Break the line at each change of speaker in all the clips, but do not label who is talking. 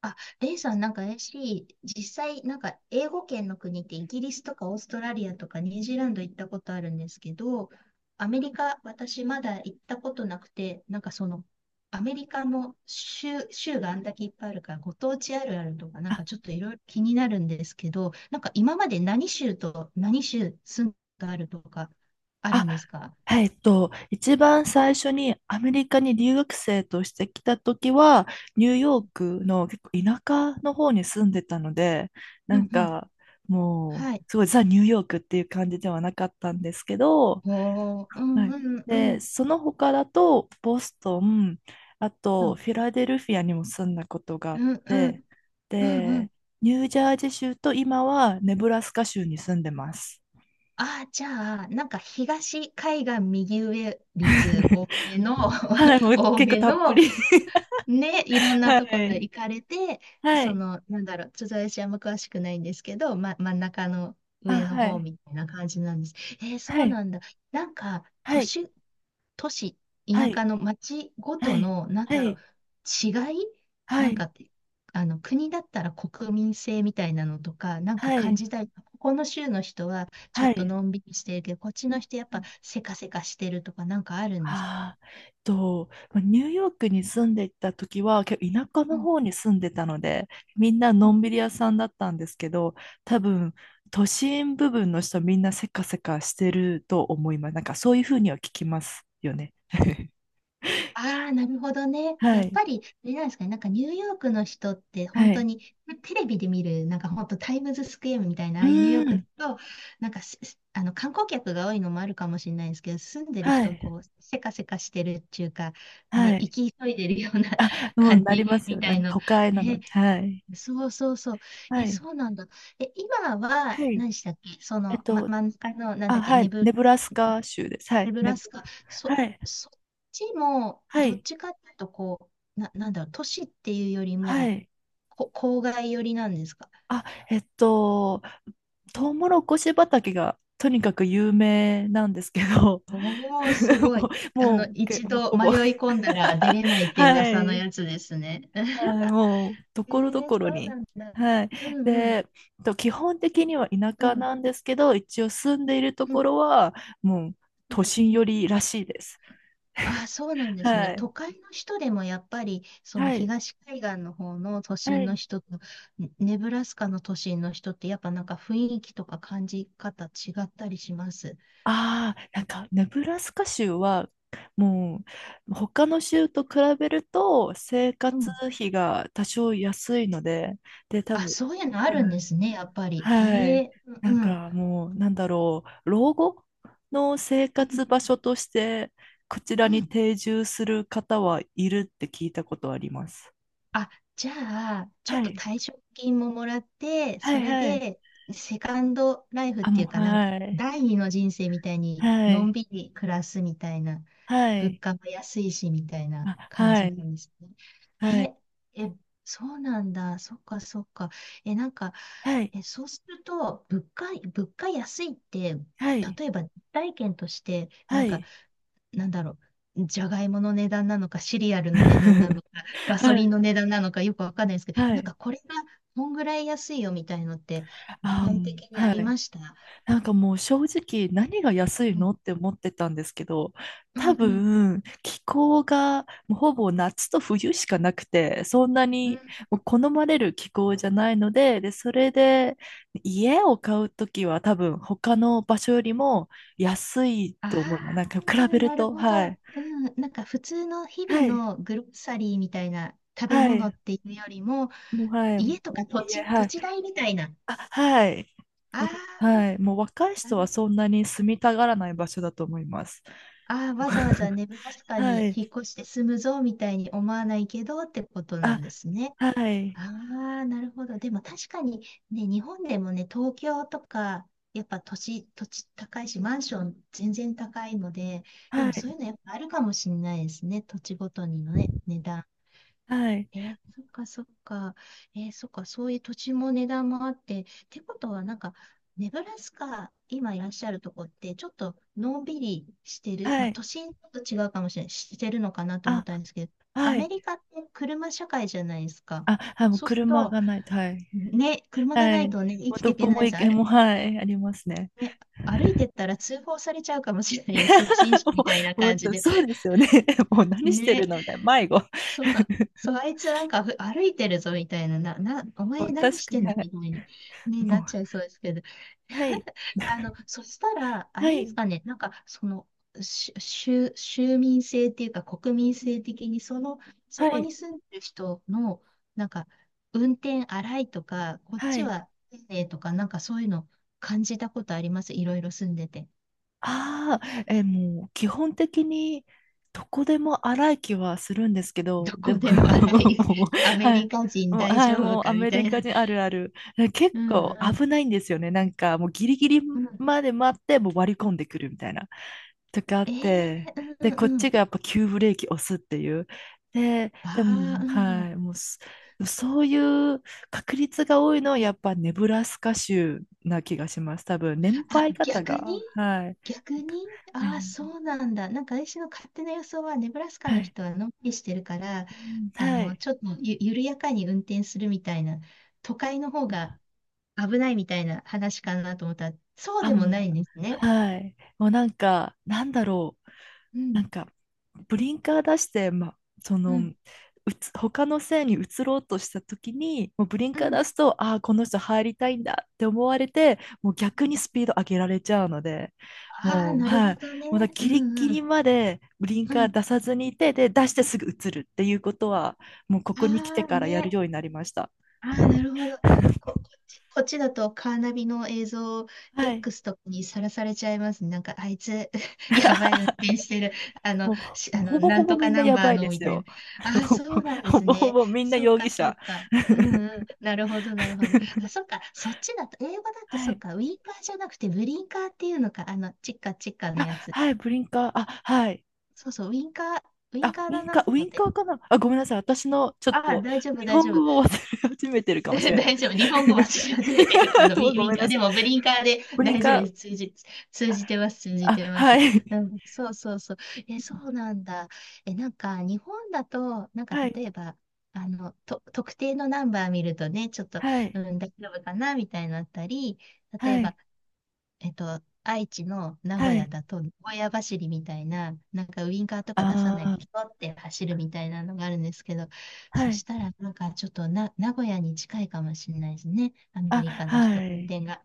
あ、レイさん、なんか 実際、なんか英語圏の国ってイギリスとかオーストラリアとかニュージーランド行ったことあるんですけど、アメリカ、私まだ行ったことなくて、なんかその、アメリカの州があんだけいっぱいあるから、ご当地あるあるとか、なんかちょっといろいろ気になるんですけど、なんか今まで何州と何州住んだあるとか、ある
あ、
んですか？
はい、一番最初にアメリカに留学生として来た時は、ニューヨークの結構田舎の方に住んでたので、な
う
ん
んうん。
かも
は
う、
い。
すごいザ・ニューヨークっていう感じではなかったんですけど、
おー、う
は
ん
い、
うんう
で、
ん。
その他だと、ボストン、あ
う
と
ん
フィラデルフィアにも住んだことがあ
う
っ
んうん。
て、
うんうん。
で、ニュージャージー州と今はネブラスカ州に住んでます。
ああ、じゃあ、なんか東海岸右上率 多めの、
はい、もう
多
結構
め
たっぷ
の。
り、
ね、いろんな
は
ところへ
い。
行かれて、
は
そ
い。
の、なんだろう、ちょっと私あんま詳しくないんですけど、真ん中の
あ、
上の
は
方
い。
みたいな感じなんです。えー
は
そう
い。
なんだ。なんか、
は
都
い。
市、都市、
は
田舎
い。
の町ご
は
と
い。
の、なん
は
だろう、
い。
違い。
は
なん
い。
か、あの、国だったら国民性みたいなのとか、なんか
は
感
い。
じたい。ここの州の人はちょっ
は
と
い。
のんびりしてるけど、こっち
う
の
ん
人やっ
う
ぱ
ん、
せかせかしてるとか、なんかあるんですか？
まあニューヨークに住んでいた時は、結構田舎
う
の
ん。
方に住んでたので、みんなのんびり屋さんだったんですけど、多分、都心部分の人みんなせかせかしてると思います。なんかそういうふうには聞きますよね。
ああ、なるほどね。
は
やっ
い。
ぱり、あれなんですかね。なんかニューヨークの人って本
は
当
い。
に、テレビで見る、なんか本当タイムズスクエアみたいな、あ
う
あいうニューヨ
ー
ークだ
ん。
と、なんかし、あの観光客が多いのもあるかもしれないんですけど、住んでる
は
人、
い。
こう、せかせかしてるっていうか、ね、
は
生
い。
き急いでるような
もう
感
なり
じ
ます
み
よ。
た
なん
い
か
の。
都会なの
ね、
で。はい。
そうそうそう。え、
はい。
そうなんだ。え、今は、
はい。
何でしたっけそ
えっ
の、ま、
と、
真ん中の、なんだ
あ、
っけ、
は
ネ
い。ネ
ブ
ブラスカ州です。は
ネ
い。
ブ
ネ
ラ
ブ、
スカ、そ、
はい。
そっちも、
は
どっ
い。
ちかっていうと、こう、なんだろう、都市っていうより
は
も、
い。
郊外寄りなんですか？
あ、えっと、トウモロコシ畑がとにかく有名なんですけど、
おお、す ごい。
も
あの、一
もう
度
ほ
迷
ぼ。
い込んだら出れないって
は
噂の
い。
やつですね。
はい。もう、と
え
ころど
ー、
こ
そ
ろ
うな
に。
んだ。
はい。
うんうん。
で、と基本的には田
う
舎
んうん
なんですけど、一応住んでいると
う
こ
ん。
ろは、もう、
う
都
ん。
心寄りらしいです。
ああ、そうなんですね。
は
都
い。
会の人でもやっぱり、その
はい。
東海岸の方の都
は
心の
い。
人と、ね、ネブラスカの都心の人って、やっぱなんか雰囲気とか感じ方違ったりします？
ああ、なんか、ネブラスカ州は、もう、他の州と比べると、生
う
活
ん。
費が多少安いので、で、多
あ、
分、
そういうのあるんですね、やっぱり。
は
へ
い。
え、
な
う
ん
ん、うん、
か、もう、なんだろう、老後の生
う
活
ん、
場所として、こちら
う
に
ん。
定住する方はいるって聞いたことあります。
あ、じゃあ、ちょっ
は
と
い。
退職金ももらって、
は
そ
い、
れ
はい。
で、セカンドライフっ
あ、
て
も
い
う、
うか、なんか、
はい。
第二の人生みたいに、
は
のん
い。
びり暮らすみたいな、
は
物
い。
価も安いし、みたいな
あ、
感
は
じな
い。
んです
はい。
ね。え、え、そうなんだ。そっか、そっか。え、なんか、
はい。
え、そうすると、物価安いって、
はい。
例えば、体験として、
は
なんか、
い。
なんだろう、じゃがいもの値段なのか、シリアル の値段なのか、ガソ
は
リン
い、
の値段なのか、よくわかんないですけど、
は
なん
い。
かこれがこんぐらい安いよみたいのって、具
あ、う
体
ん、
的にあ
は
りま
い。
した？
なんかもう正直何が安
う
い
ん、
のって思ってたんですけど、
う
多
ん、うん、
分気候がもうほぼ夏と冬しかなくて、そんな
う
に
ん。
もう好まれる気候じゃないので、で、それで家を買うときは多分他の場所よりも安い
あ
と思います。なんか比べ
あ、
る
なる
と、
ほ
は
ど。
い。
うん、なんか普通の日々
はい。
のグロッサリーみたいな食べ
は
物
い。
っていうよりも、
もう、はい。も
家とか
う
土
家、
地、
は
土
い。
地代みたいな。
あ、はい。
あ
もう、はい。
あ、
もう若い
な
人は
る
そんなに住みたがらない場所だと思います。
ああ、わざわざ ネブラスカ
は
に
い。
引っ越して住むぞみたいに思わないけどってことな
あ、
んですね。
は
あ
い。
あ、なるほど。でも確かにね、日本でもね、東京とか、やっぱ土地土地高いし、マンション全然高いので、で
は
もそうい
い。
うのやっぱあるかもしれないですね。土地ごとにのね、値段。
はい。
えーそっかそっか。えーそっか、そういう土地も値段もあって、ってことはなんか、ネブラスカ、今いらっしゃるとこって、ちょっとのんびりしてる、
は
まあ
い。
都心と違うかもしれない、してるのかなと思った
あ、
んですけど、ア
はい。
メリカって車社会じゃないですか。
あ、はい。もう
そうする
車
と、
がないと。はい。
ね、車が
は
ない
い。
とね、生
もう
きて
ど
いけ
こ
な
も
いし、
行
あ
け、
れ、
もう、はい。ありますね。
ね、歩いてったら通報されちゃうかもしれない。初心者
も
みたいな
う、も
感じ
う
で。
そうですよね。もう何してる
ね、
のみたいな。迷子。
そうさ、そう、あいつなんか歩いてるぞみたいな、な、な、お
も
前
う
何
確
し
か
て
に、
ん
は
だ
い。
みたいに、ね、
も
なっ
う、
ちゃいそうですけど。
はい。
あの、そしたら、あ
は
れです
い。
かね、なんか、その、州民性っていうか、国民性的に、その、そ
は
こ
い。
に住んでる人の、なんか、運転荒いとか、こっ
はい。
ち
はい。
は丁寧とか、なんかそういうの感じたことあります？いろいろ住んでて。
ああ、もう基本的にどこでも荒い気はするんですけど、
ど
で
こ
も
でも荒い、
もう、
ア メ
は
リ
い。
カ人
もう、
大
はい、
丈夫
もう
か
ア
み
メ
た
リ
いな。
カ人あるある。結
うん
構
うん。
危ないんですよね。なんかもうギリギリ
うん。
まで待って、もう割り込んでくるみたいな。とかあっ
え
て、
え。
で、こ
う
っ
んう
ち
ん。
がやっぱ急ブレーキ押すっていう。で
あ
も、
あ、う
はい、
ん。
もうす、そういう確率が多いのはやっぱネブラスカ州な気がします。多分、年
あ、
配方
逆に
が、はい、
逆に
は
ああー、
い、
そうなんだ。なんか私の勝手な予想は、ネブラスカ
は
の
い。
人はのんびりしてるから、
うん、
あ
は
の、
い。
ちょっと緩やかに運転するみたいな、都会の方が危ないみたいな話かなと思ったら、そう
あ、
でも
もう、
ないんですね。
はい。もうなんか、なんだろう。
うん、
なんか、ブリンカー出して、ま、そ
う
の、
ん、
他の線に移ろうとした時に、もうブリン
う
カー
ん。
出すと、ああ、この人入りたいんだって思われて、もう逆にスピード上げられちゃうので、
ああ、
もう、
なる
は
ほ
い。
どね。
もう
う
ギリギ
ん、う
リ
ん、
までブリン
う
カー
ん。
出さずにいて、で、出してすぐ移るっていうことは、もうここに来て
ああ、
からやる
ね。
ようになりました。
ああ、なるほど。こっちだとカーナビの映像
はい。
X とかにさらされちゃいますね。なんか、あいつ、やばい運転してる。あの、
も
し、
う、も
あ
うほ
の、
ぼ
な
ほ
ん
ぼ
とか
みんな
ナン
や
バー
ばい
の、
で
み
す
たい
よ。
な。ああ、
も
そ
う
うなんで
ほ
す
ぼほ
ね。
ぼみんな
そっ
容疑
か、そっ
者。
か。うんうん。なるほど、なるほど。あ、そっか。そっちだと、英語だと
は
そっ
い。
か。ウィンカーじゃなくて、ブリンカーっていうのか。あの、チッカチッカの
あ、
やつ。
はい、ブリンカー。あ、はい。
そうそう、ウィンカー、ウィン
あ、
カー
ウィ
だ
ンカー、
なと
ウ
思
ィ
っ
ンカ
て。
ーかなあ、ごめんなさい。私のちょっ
ああ、
と
大丈夫、
日
大
本
丈夫。
語を忘れ始めてる かもしれない
大
で
丈
す。
夫。日本語は知り始めてる。あ の、ウ
も
ィ、
う
ウ
ご
ィン
めん
カ
な
ー。
さ
で
い。
も、ブリンカーで
ブリン
大丈夫
カ
で
ー、
す。通じてます。通じ
あ、
てま
は
す。う
い。
ん、そうそうそう。え、そうなんだ。え、なんか、日本だと、なんか、
はい。
例えば、あの、特定のナンバー見るとね、ちょっと、
は
う
い。
ん、大丈夫かな、みたいになったり、例え
はい。
ば、愛知の名古
は
屋
い。
だと、名古屋走りみたいな、なんかウインカーと
あ
か出さないで、
ー、
ひょって走るみたいなのがあるんですけど、
は
そし
い。
たら、なんかちょっと名古屋に近いかもしれないですね。アメ
あ、
リカの人、
は
運
い。
転が。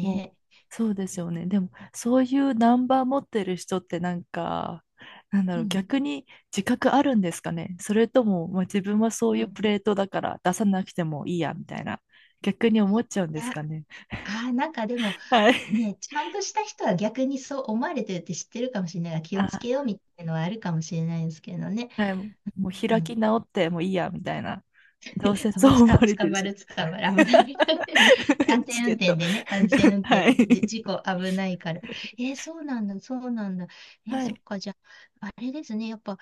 もうそうですよね。でも、そういうナンバー持ってる人ってなんか、なんだ
う
ろう、
ん。
逆に自覚あるんですかね。それとも、まあ、自分はそ
う
ういうプ
ん。
レートだから出さなくてもいいや、みたいな、逆に思っちゃうん
い
です
や、
かね。
あー、なんかでも、
はい。
ね、ちゃんとした人は逆にそう思われてるって知ってるかもしれないから、気を
あ、
つけようみたいなのはあるかもしれないですけどね。
はい。もう
う
開き
ん。
直ってもういいや、みたいな。どうせ
多
そ
分
う
つ
思
か、
われて
捕
る
ま
し。
る、捕まる、危ない、みたいな。安
チ
全運
ケッ
転
ト。
でね、安全 運転
はい。
で、事故危ないから。えーそうなんだ、そうなんだ。えー
は
そっ
い。
か、じゃあ、あれですね、やっぱ、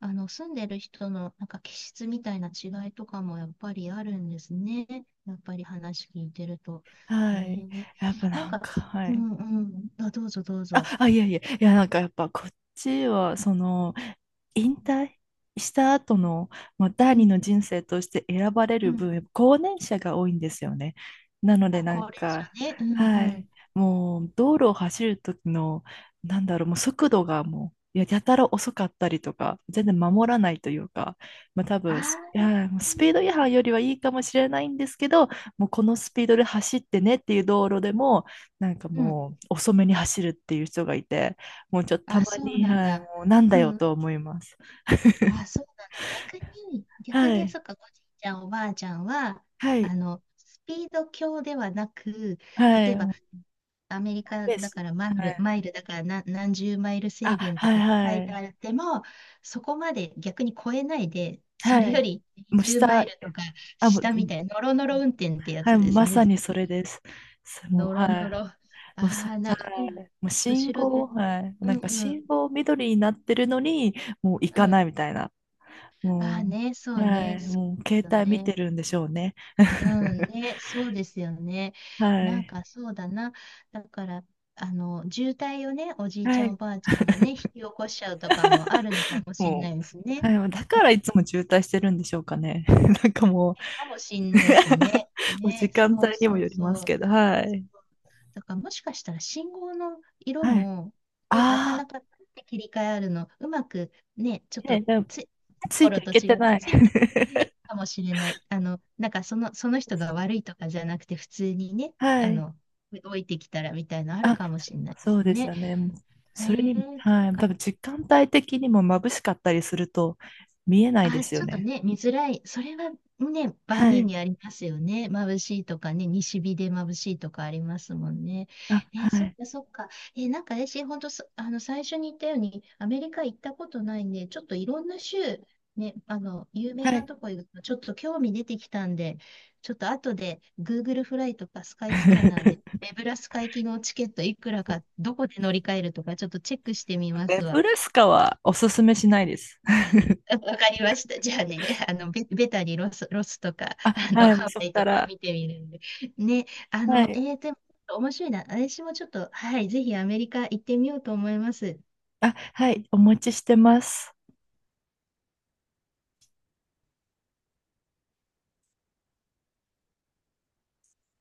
あの、住んでる人の、なんか、気質みたいな違いとかも、やっぱりあるんですね。やっぱり話聞いてると。へ
はい。
え、
やっぱ
なん
なん
か、
か、は
う
い。
んうん、あ、どうぞどう
あ、
ぞ。
あ、いやいや、いや、なんかやっぱこっちは、その、引退した後の、まあ、
う
第二
ん
の人生として選ばれ
う
る
ん。
分、高年者が多いんですよね。なので、
あ、
な
高
ん
齢
か、
者ね。うん
は
うん。
い、もう、道路を走る時の、なんだろう、もう速度がもう、いや、やたら遅かったりとか、全然守らないというか、まあ多
あ
分、すい
あ、
や、もうスピード違反よりはいいかもしれないんですけど、もうこのスピードで走ってねっていう道路でも、なんか
うん。
もう遅めに走るっていう人がいて、もうちょっとた
あ、
ま
そう
に、
なん
はい、も
だ。
うなんだ
う
よ
ん。
と思います。
あ、そうなんだ。逆に、逆
は
に、
い、
そっか、おじいちゃん、おばあちゃんは、
はい、
あの、スピード強ではなく、
は
例
い、
えば、
もう
アメリ
マイ
カ
ペー
だ
ス。
からマイ
は
ル、
い、
マイルだから何十マイル
あ、
制限と
はい、
か書
は
いて
い、
あっても、そこまで逆に超えないで、そ
は
れよ
い。
り
もう
20マ
下、
イルとか
あ、もう、
下みたいな、ノロノロ運転ってや
はい、
つです
ま
ね。
さ
ずっ
にそれ
とね、
です。すも
ノ
う、
ロ
は
ノ
い。
ロ。あ
もうは
あ、な、
い。もう信
後ろで。
号、はい。
う
なん
ん
か
うん。
信号緑になってるのに、もう行
う
か
ん。
ないみたいな。
ああ
も
ね、
う、
そう
は
ね、
い。
そう
もう携
だ
帯見て
ね。
るんでしょうね。
うん ね、そうですよね。
は
なん
い。
かそうだな。だから、あの、渋滞をね、おじいち
は
ゃんお
い。
ばあちゃんがね、引き起こしちゃうとかもあるのかもしれ
も
ないで
う、
すね。
はい、だからいつも渋滞してるんでしょうかね。なんかも
かもしんないですね。
う もう時
ね、
間
そう
帯に
そ
も
う
より
そ
ます
う。
けど、は
そ
い。
うだからもしかしたら信号の色
はい。
も、ね、なか
あ
なかパッて切り替えあるの、うまくね、ちょっ
あ、ね、
と
でも
つい、
つい
頃
てい
と
けて
違って
ない。
ついてきてないかもしれない。あの、なんかその人が悪いとかじゃなくて、普通にね、
は
あ
い。
の、動いてきたらみたいなのある
あ、
かもしれない
そ
で
そ
す
うです
ね。
よね。もう
え
それに、
ー、そ
は
う
い、多
か。
分時間帯的にも眩しかったりすると見えないで
あ、
すよ
ちょっと
ね。
ね、見づらい。それはね、万
は
人
い。
にありますよね。眩しいとかね、西日で眩しいとかありますもんね。
あ、
えー
は
そっ
い。
かそっか。えーなんか私、本当あの、最初に言ったように、アメリカ行ったことないんで、ちょっといろんな州、ね、あの、有名
は
な
い。
とこ行くと、ちょっと興味出てきたんで、ちょっと後で Google フライとかスカイスキャナーで、ネブラスカ行きのチケットいくらか、どこで乗り換えるとか、ちょっとチェックしてみま
ネ
すわ。
ブラスカはおすすめしないです。
わかりました。じゃあね、あの、ベタにロスとか、
あ、
あの、
はい、もう
ハ
そ
ワ
こ
イ
か
とか
ら。
見てみるんで。ね、あ
は
の、
い、
でも、面白いな。私もちょっと、はい、ぜひアメリカ行ってみようと思います。
あ、はい、お持ちしてます。